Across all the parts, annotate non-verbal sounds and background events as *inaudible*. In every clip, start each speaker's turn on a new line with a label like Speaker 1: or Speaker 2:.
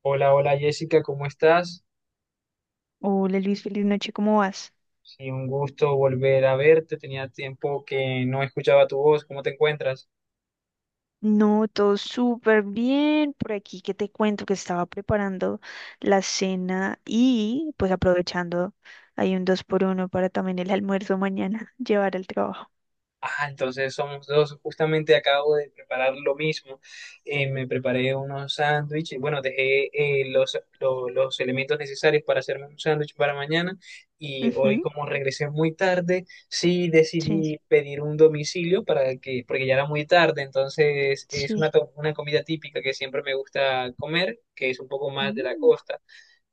Speaker 1: Hola, hola Jessica, ¿cómo estás?
Speaker 2: Hola Luis, feliz noche, ¿cómo vas?
Speaker 1: Sí, un gusto volver a verte. Tenía tiempo que no escuchaba tu voz. ¿Cómo te encuentras?
Speaker 2: No, todo súper bien por aquí, que te cuento que estaba preparando la cena y pues aprovechando, hay un dos por uno para también el almuerzo mañana, *laughs* llevar al trabajo.
Speaker 1: Ah, entonces somos dos. Justamente acabo de preparar lo mismo. Me preparé unos sándwiches. Bueno, dejé los elementos necesarios para hacerme un sándwich para mañana. Y hoy,
Speaker 2: Ujú,
Speaker 1: como regresé muy tarde, sí
Speaker 2: sí,
Speaker 1: decidí pedir un domicilio porque ya era muy tarde. Entonces, es
Speaker 2: sí.
Speaker 1: una comida típica que siempre me gusta comer, que es un poco más de la
Speaker 2: Mm.
Speaker 1: costa.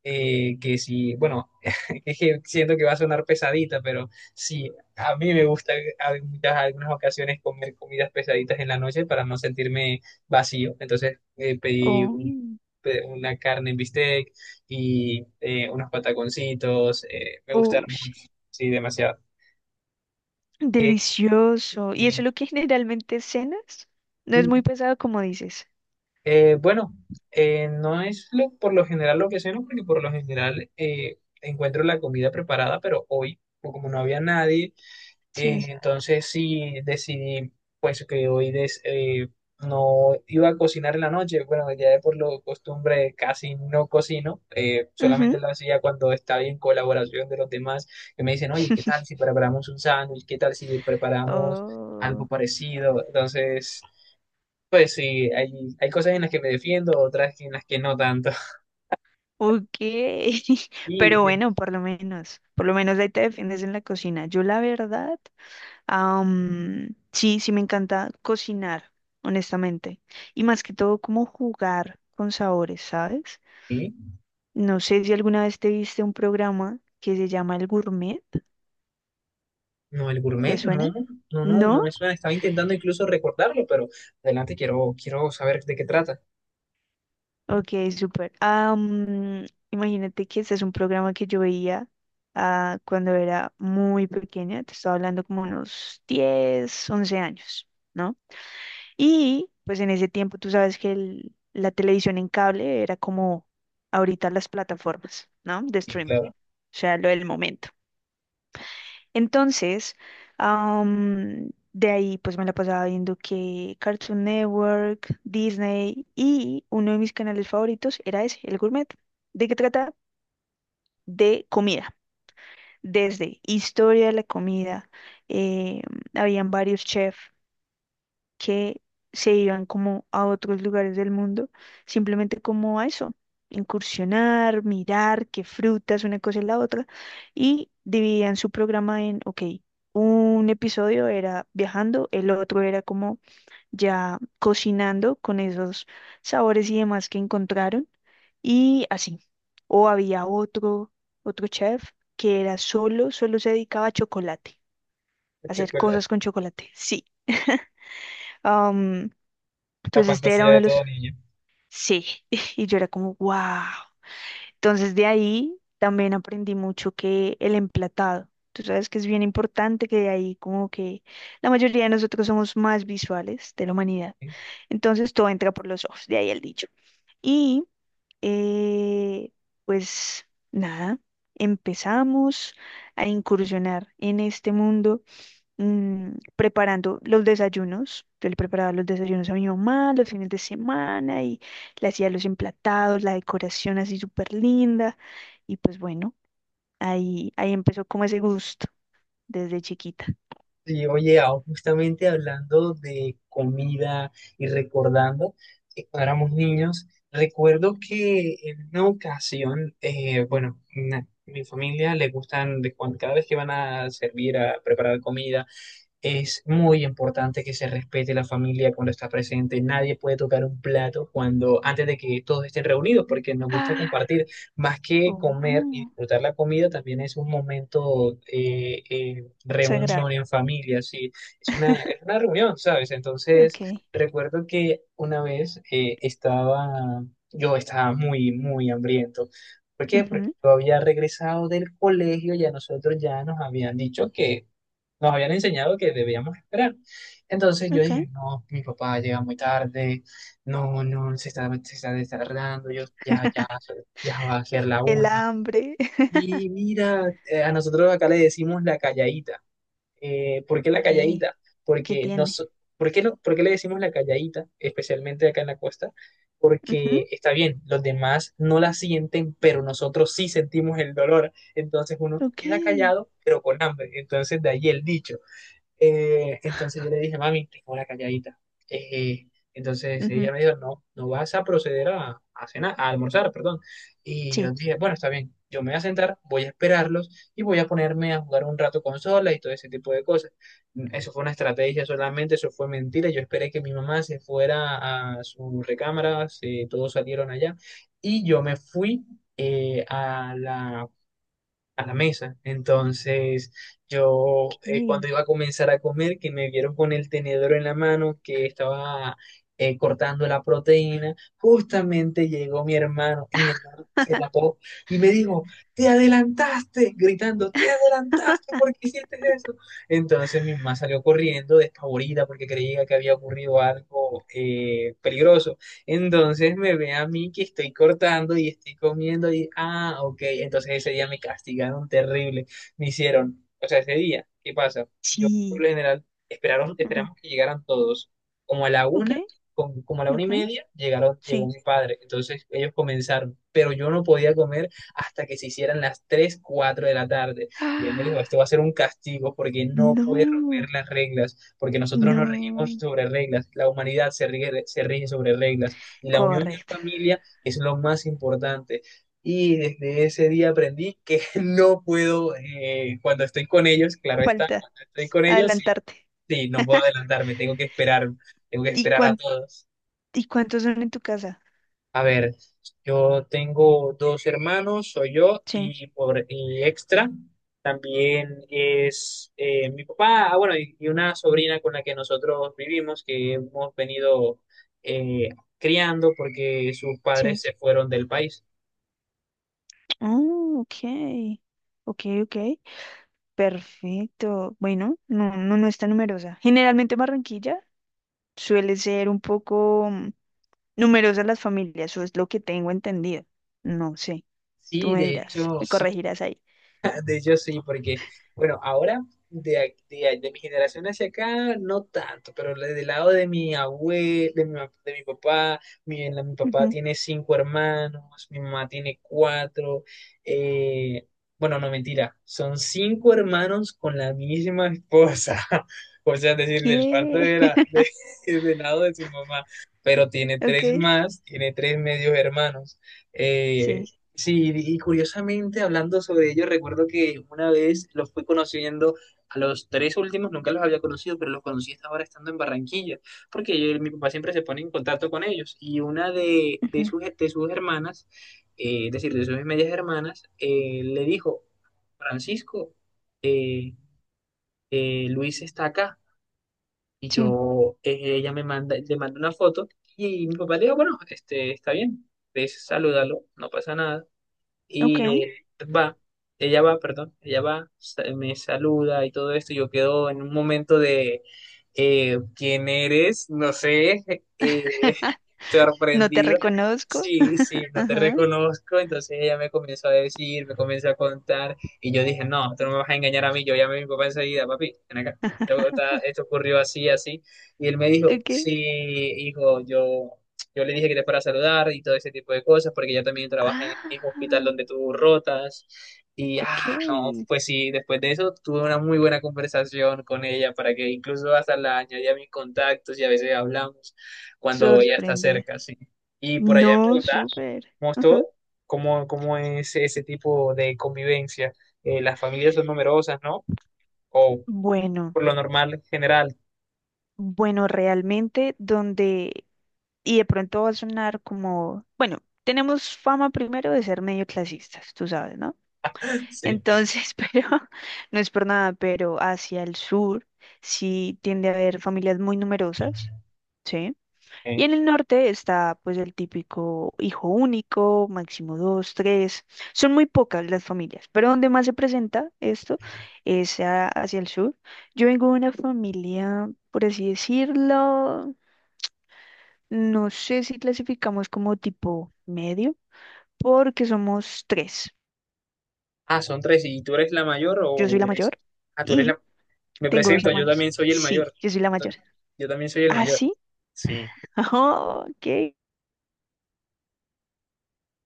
Speaker 1: Que si, Bueno, es que *laughs* siento que va a sonar pesadita, pero sí, a mí me gusta algunas ocasiones comer comidas pesaditas en la noche para no sentirme vacío. Entonces pedí
Speaker 2: Oh,
Speaker 1: una carne en bistec y unos pataconcitos, me gustaron
Speaker 2: ush,
Speaker 1: mucho, sí, demasiado.
Speaker 2: delicioso. ¿Y eso
Speaker 1: Y,
Speaker 2: es lo que generalmente cenas? No es
Speaker 1: mm,
Speaker 2: muy pesado como dices.
Speaker 1: bueno, no es por lo general lo que ceno, porque por lo general encuentro la comida preparada, pero hoy, como no había nadie,
Speaker 2: Sí.
Speaker 1: entonces sí decidí que no iba a cocinar en la noche. Bueno, ya de por lo costumbre casi no cocino. Solamente
Speaker 2: Ujú.
Speaker 1: lo hacía cuando estaba en colaboración de los demás, que me dicen, oye, ¿qué tal
Speaker 2: *laughs*
Speaker 1: si preparamos un sándwich? ¿Qué tal si preparamos algo
Speaker 2: Oh.
Speaker 1: parecido? Entonces, pues sí, hay cosas en las que me defiendo, otras en las que no tanto.
Speaker 2: Ok, *laughs* pero bueno,
Speaker 1: *laughs*
Speaker 2: por lo menos ahí te defiendes en la cocina. Yo la verdad, sí, sí me encanta cocinar, honestamente, y más que todo como jugar con sabores, ¿sabes?
Speaker 1: Y
Speaker 2: No sé si alguna vez te viste un programa que se llama El Gourmet,
Speaker 1: no, el
Speaker 2: ¿te
Speaker 1: gourmet, no,
Speaker 2: suena?
Speaker 1: no, no, no
Speaker 2: ¿No?
Speaker 1: me suena. Estaba intentando incluso recordarlo, pero adelante, quiero saber de qué trata.
Speaker 2: Ok, súper. Imagínate que este es un programa que yo veía cuando era muy pequeña, te estaba hablando como unos 10, 11 años, ¿no? Y pues en ese tiempo tú sabes que la televisión en cable era como ahorita las plataformas, ¿no? De
Speaker 1: Y
Speaker 2: streaming, o
Speaker 1: claro,
Speaker 2: sea, lo del momento. Entonces, de ahí pues me la pasaba viendo que Cartoon Network, Disney y uno de mis canales favoritos era ese, El Gourmet. ¿De qué trata? De comida. Desde historia de la comida, eh, habían varios chefs que se iban como a otros lugares del mundo, simplemente como a eso, incursionar, mirar qué frutas, una cosa y la otra, y dividían su programa en, ok, un episodio era viajando, el otro era como ya cocinando con esos sabores y demás que encontraron, y así. O había otro chef que era solo se dedicaba a chocolate,
Speaker 1: el
Speaker 2: a hacer
Speaker 1: chocolate,
Speaker 2: cosas con chocolate, sí. *laughs* Entonces
Speaker 1: la
Speaker 2: este era
Speaker 1: fantasía
Speaker 2: uno
Speaker 1: de
Speaker 2: de los,
Speaker 1: todo niño.
Speaker 2: sí, *laughs* y yo era como, wow. Entonces de ahí también aprendí mucho que el emplatado, tú sabes que es bien importante que de ahí como que la mayoría de nosotros somos más visuales de la humanidad. Entonces todo entra por los ojos, de ahí el dicho. Y eh, pues nada, empezamos a incursionar en este mundo preparando los desayunos. Yo le preparaba los desayunos a mi mamá los fines de semana y le hacía los emplatados, la decoración así súper linda. Y pues bueno, ahí empezó como ese gusto desde chiquita.
Speaker 1: Y oye, ah, justamente hablando de comida y recordando que cuando éramos niños, recuerdo que en una ocasión, bueno, mi familia le gustan, cada vez que van a servir, a preparar comida. Es muy importante que se respete la familia cuando está presente. Nadie puede tocar un plato cuando, antes de que todos estén reunidos, porque nos gusta
Speaker 2: Ah.
Speaker 1: compartir. Más que comer y
Speaker 2: Oh,
Speaker 1: disfrutar la comida, también es un momento reunión
Speaker 2: sagrado.
Speaker 1: en familia, sí. Es es
Speaker 2: *laughs*
Speaker 1: una reunión, ¿sabes? Entonces,
Speaker 2: Ok.
Speaker 1: recuerdo que una vez yo estaba muy, muy hambriento. ¿Por qué? Porque
Speaker 2: Ujú.
Speaker 1: yo había regresado del colegio y a nosotros ya nos habían dicho que nos habían enseñado que debíamos esperar. Entonces yo
Speaker 2: Ok.
Speaker 1: dije, no, mi papá llega muy tarde, no, no, se está tardando, ya va a ser la
Speaker 2: El
Speaker 1: una.
Speaker 2: hambre. *laughs*
Speaker 1: Y mira, a nosotros acá le decimos la calladita. ¿Por qué la
Speaker 2: Ok.
Speaker 1: calladita?
Speaker 2: ¿Qué
Speaker 1: Porque
Speaker 2: tiene?
Speaker 1: nos, ¿por qué, no- ¿por qué le decimos la calladita, especialmente acá en la costa? Porque
Speaker 2: Ujú.
Speaker 1: está bien, los demás no la sienten, pero nosotros sí sentimos el dolor. Entonces uno
Speaker 2: Ok.
Speaker 1: queda callado, pero con hambre. Entonces de ahí el dicho. Entonces yo le dije, mami, tengo la calladita. Eh, entonces ella
Speaker 2: Ujú.
Speaker 1: me dijo, no, no vas a proceder a cenar, a almorzar, perdón. Y yo
Speaker 2: Sí.
Speaker 1: dije, bueno, está bien, yo me voy a sentar, voy a esperarlos y voy a ponerme a jugar un rato consola y todo ese tipo de cosas. Eso fue una estrategia solamente, eso fue mentira. Yo esperé que mi mamá se fuera a su recámara, todos salieron allá y yo me fui eh, a la a la mesa. Entonces, yo
Speaker 2: Ok.
Speaker 1: cuando iba a comenzar a comer, que me vieron con el tenedor en la mano, que estaba cortando la proteína, justamente llegó mi hermano, y mi hermano se tapó y me dijo, te adelantaste, gritando, te adelantaste, ¿por qué hiciste eso? Entonces mi mamá salió corriendo, despavorida, porque creía que había ocurrido algo peligroso. Entonces me ve a mí que estoy cortando y estoy comiendo y, ah, ok, entonces ese día me castigaron terrible, me hicieron, o sea, ese día, ¿qué pasa? Yo por
Speaker 2: Sí.
Speaker 1: lo general esperaron,
Speaker 2: Ujú.
Speaker 1: esperamos que llegaran todos, como a la
Speaker 2: Ok.
Speaker 1: una, como a la una y
Speaker 2: Ok.
Speaker 1: media, llegó
Speaker 2: Sí.
Speaker 1: mi padre, entonces ellos comenzaron, pero yo no podía comer hasta que se hicieran las 3 4 de la tarde. Y él me dijo, esto
Speaker 2: Ah.
Speaker 1: va a ser un castigo porque no puede romper
Speaker 2: No,
Speaker 1: las reglas, porque nosotros nos regimos
Speaker 2: no.
Speaker 1: sobre reglas, la humanidad se rige sobre reglas. Y la unión en
Speaker 2: Correcto.
Speaker 1: familia es lo más importante. Y desde ese día aprendí que *laughs* no puedo, cuando estoy con ellos, claro
Speaker 2: *laughs*
Speaker 1: está,
Speaker 2: Falta
Speaker 1: cuando estoy con ellos, sí,
Speaker 2: adelantarte.
Speaker 1: sí, no puedo adelantarme, tengo que
Speaker 2: ¿Y
Speaker 1: esperar a todos.
Speaker 2: cuántos son en tu casa?
Speaker 1: A ver, yo tengo dos hermanos, soy yo
Speaker 2: Sí,
Speaker 1: y extra. También es mi papá, ah, bueno, y una sobrina con la que nosotros vivimos, que hemos venido eh, criando porque sus padres
Speaker 2: sí.
Speaker 1: se fueron del país.
Speaker 2: Oh, ok. Ok, ok. Perfecto. Bueno, no, no, no es tan numerosa. Generalmente Barranquilla suele ser un poco numerosa las familias, eso es lo que tengo entendido. No sé, tú
Speaker 1: Sí,
Speaker 2: me
Speaker 1: de
Speaker 2: dirás,
Speaker 1: hecho,
Speaker 2: me
Speaker 1: sí.
Speaker 2: corregirás ahí.
Speaker 1: *laughs* De hecho sí, porque, bueno, ahora de mi generación hacia acá, no tanto, pero del lado de mi abuelo, de mi papá, mi papá
Speaker 2: Ujú.
Speaker 1: tiene cinco hermanos, mi mamá tiene cuatro, eh, bueno, no mentira, son cinco hermanos con la misma esposa, *laughs* o sea, es decir, del parto
Speaker 2: ¿Qué?
Speaker 1: de
Speaker 2: *laughs*
Speaker 1: *laughs* del lado de su mamá, pero tiene
Speaker 2: Ok,
Speaker 1: tres más, tiene tres medios hermanos. eh,
Speaker 2: sí.
Speaker 1: Sí, y curiosamente hablando sobre ello, recuerdo que una vez los fui conociendo a los tres últimos, nunca los había conocido, pero los conocí hasta ahora estando en Barranquilla, porque mi papá siempre se pone en contacto con ellos. Y una
Speaker 2: Ujú.
Speaker 1: de sus hermanas, es decir, de sus medias hermanas, le dijo, Francisco, eh, Luis está acá. Y
Speaker 2: Sí,
Speaker 1: yo, le manda una foto y mi papá le dijo, bueno, este, está bien, ves, salúdalo, no pasa nada.
Speaker 2: ok.
Speaker 1: Y va, Ella va, perdón, ella va, me saluda y todo esto. Yo quedo en un momento de ¿quién eres? No sé, *laughs* eh,
Speaker 2: No te
Speaker 1: sorprendido.
Speaker 2: reconozco.
Speaker 1: Sí, sí, no te
Speaker 2: Ajá,
Speaker 1: reconozco. Entonces ella me comenzó a decir, me comenzó a contar. Y yo dije, no, tú no me vas a engañar a mí. Yo llamé a mi papá enseguida, papi, ven acá. Esto ocurrió así, así. Y él me dijo,
Speaker 2: ok.
Speaker 1: sí, hijo, yo le dije que era para saludar y todo ese tipo de cosas, porque ella también trabaja en el mismo hospital
Speaker 2: Ah,
Speaker 1: donde tú rotas. Y,
Speaker 2: ok.
Speaker 1: ah, no, pues sí, después de eso tuve una muy buena conversación con ella, para que incluso hasta la añadí a mis contactos y a veces hablamos cuando ella está
Speaker 2: Sorprendida.
Speaker 1: cerca, sí. Y por allá en
Speaker 2: No,
Speaker 1: Bogotá,
Speaker 2: súper.
Speaker 1: mostró
Speaker 2: Ajá.
Speaker 1: cómo, cómo es ese tipo de convivencia. Las familias son numerosas, ¿no? O
Speaker 2: Bueno,
Speaker 1: por lo normal, en general.
Speaker 2: bueno, realmente donde, y de pronto va a sonar como, bueno, tenemos fama primero de ser medio clasistas, tú sabes, ¿no?
Speaker 1: Sí.
Speaker 2: Entonces, *laughs* pero no es por nada, pero hacia el sur sí tiende a haber familias muy numerosas, ¿sí? Y
Speaker 1: Eh,
Speaker 2: en el norte está pues el típico hijo único, máximo dos, tres. Son muy pocas las familias, pero donde más se presenta esto es hacia el sur. Yo vengo de una familia, por así decirlo, no sé si clasificamos como tipo medio, porque somos tres.
Speaker 1: ah, son tres. ¿Y tú eres la mayor
Speaker 2: Yo
Speaker 1: o
Speaker 2: soy la
Speaker 1: eres...
Speaker 2: mayor
Speaker 1: Ah, tú eres
Speaker 2: y
Speaker 1: la... Me
Speaker 2: tengo dos
Speaker 1: presento, yo
Speaker 2: hermanas.
Speaker 1: también soy el
Speaker 2: Sí,
Speaker 1: mayor.
Speaker 2: yo soy la mayor.
Speaker 1: Yo también soy el
Speaker 2: ¿Ah,
Speaker 1: mayor.
Speaker 2: sí?
Speaker 1: Sí,
Speaker 2: *laughs* Oh, ok.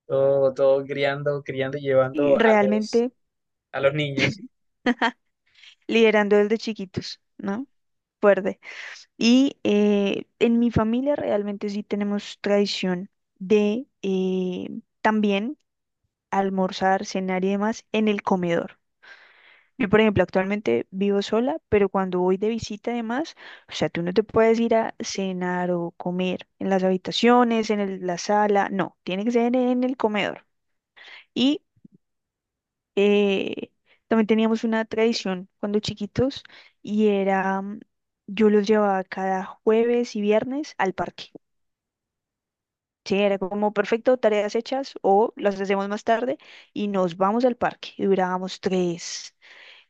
Speaker 1: todo, todo criando, criando y llevando a
Speaker 2: Realmente
Speaker 1: a los niños.
Speaker 2: liderando desde chiquitos, ¿no? Fuerte. Y en mi familia realmente sí tenemos tradición de también almorzar, cenar y demás en el comedor. Yo, por ejemplo, actualmente vivo sola, pero cuando voy de visita además, o sea, tú no te puedes ir a cenar o comer en las habitaciones, en la sala, no, tiene que ser en el comedor. Y eh, también teníamos una tradición cuando chiquitos y era, yo los llevaba cada jueves y viernes al parque. Sí, era como perfecto, tareas hechas o las hacemos más tarde y nos vamos al parque. Y durábamos tres,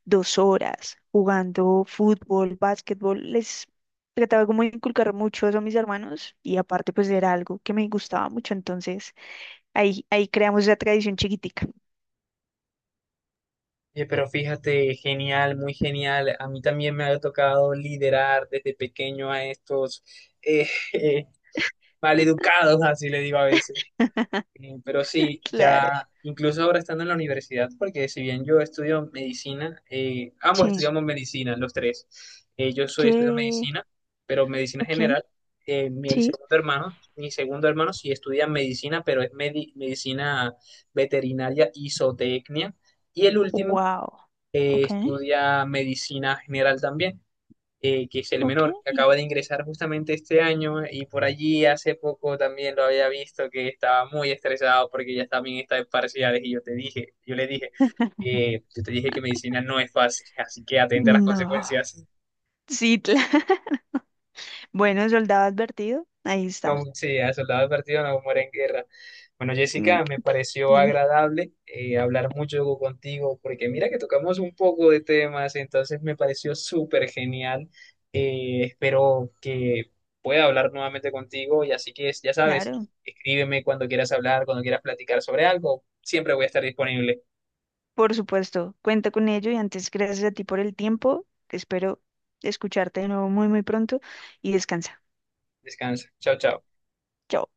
Speaker 2: dos horas jugando fútbol, básquetbol. Les trataba como de inculcar mucho eso a mis hermanos y aparte pues era algo que me gustaba mucho. Entonces ahí creamos esa tradición chiquitica.
Speaker 1: Oye, pero fíjate, genial, muy genial. A mí también me ha tocado liderar desde pequeño a estos eh, *laughs* eh, maleducados, así le digo a veces. Pero
Speaker 2: *laughs*
Speaker 1: sí,
Speaker 2: Claro.
Speaker 1: ya incluso ahora estando en la universidad, porque si bien yo estudio medicina, ambos
Speaker 2: Sí.
Speaker 1: estudiamos medicina, los tres. Yo soy estudio
Speaker 2: ¿Qué?
Speaker 1: medicina, pero medicina
Speaker 2: Ok.
Speaker 1: general.
Speaker 2: Sí.
Speaker 1: Mi segundo hermano sí estudia medicina, pero es medicina veterinaria y zootecnia. Y el último
Speaker 2: Wow. Ok.
Speaker 1: estudia medicina general también, que es el
Speaker 2: Ok.
Speaker 1: menor, que acaba de ingresar justamente este año, y por allí hace poco también lo había visto que estaba muy estresado porque ya también está en parciales, y yo le dije,
Speaker 2: *laughs*
Speaker 1: yo te dije que medicina no es fácil, así que atente a las
Speaker 2: No.
Speaker 1: consecuencias.
Speaker 2: Sí, claro. *laughs* Bueno, soldado advertido. Ahí
Speaker 1: No,
Speaker 2: está.
Speaker 1: sí, a soldado partido no muere en guerra. Bueno,
Speaker 2: Me
Speaker 1: Jessica, me
Speaker 2: encanta.
Speaker 1: pareció
Speaker 2: Dime.
Speaker 1: agradable hablar mucho contigo, porque mira que tocamos un poco de temas, entonces me pareció súper genial. Espero que pueda hablar nuevamente contigo, y así que ya sabes,
Speaker 2: Claro,
Speaker 1: escríbeme cuando quieras hablar, cuando quieras platicar sobre algo, siempre voy a estar disponible.
Speaker 2: por supuesto. Cuenta con ello y antes, gracias a ti por el tiempo. Espero escucharte de nuevo muy, muy pronto y descansa.
Speaker 1: Descansa. Chao, chao.
Speaker 2: Chao.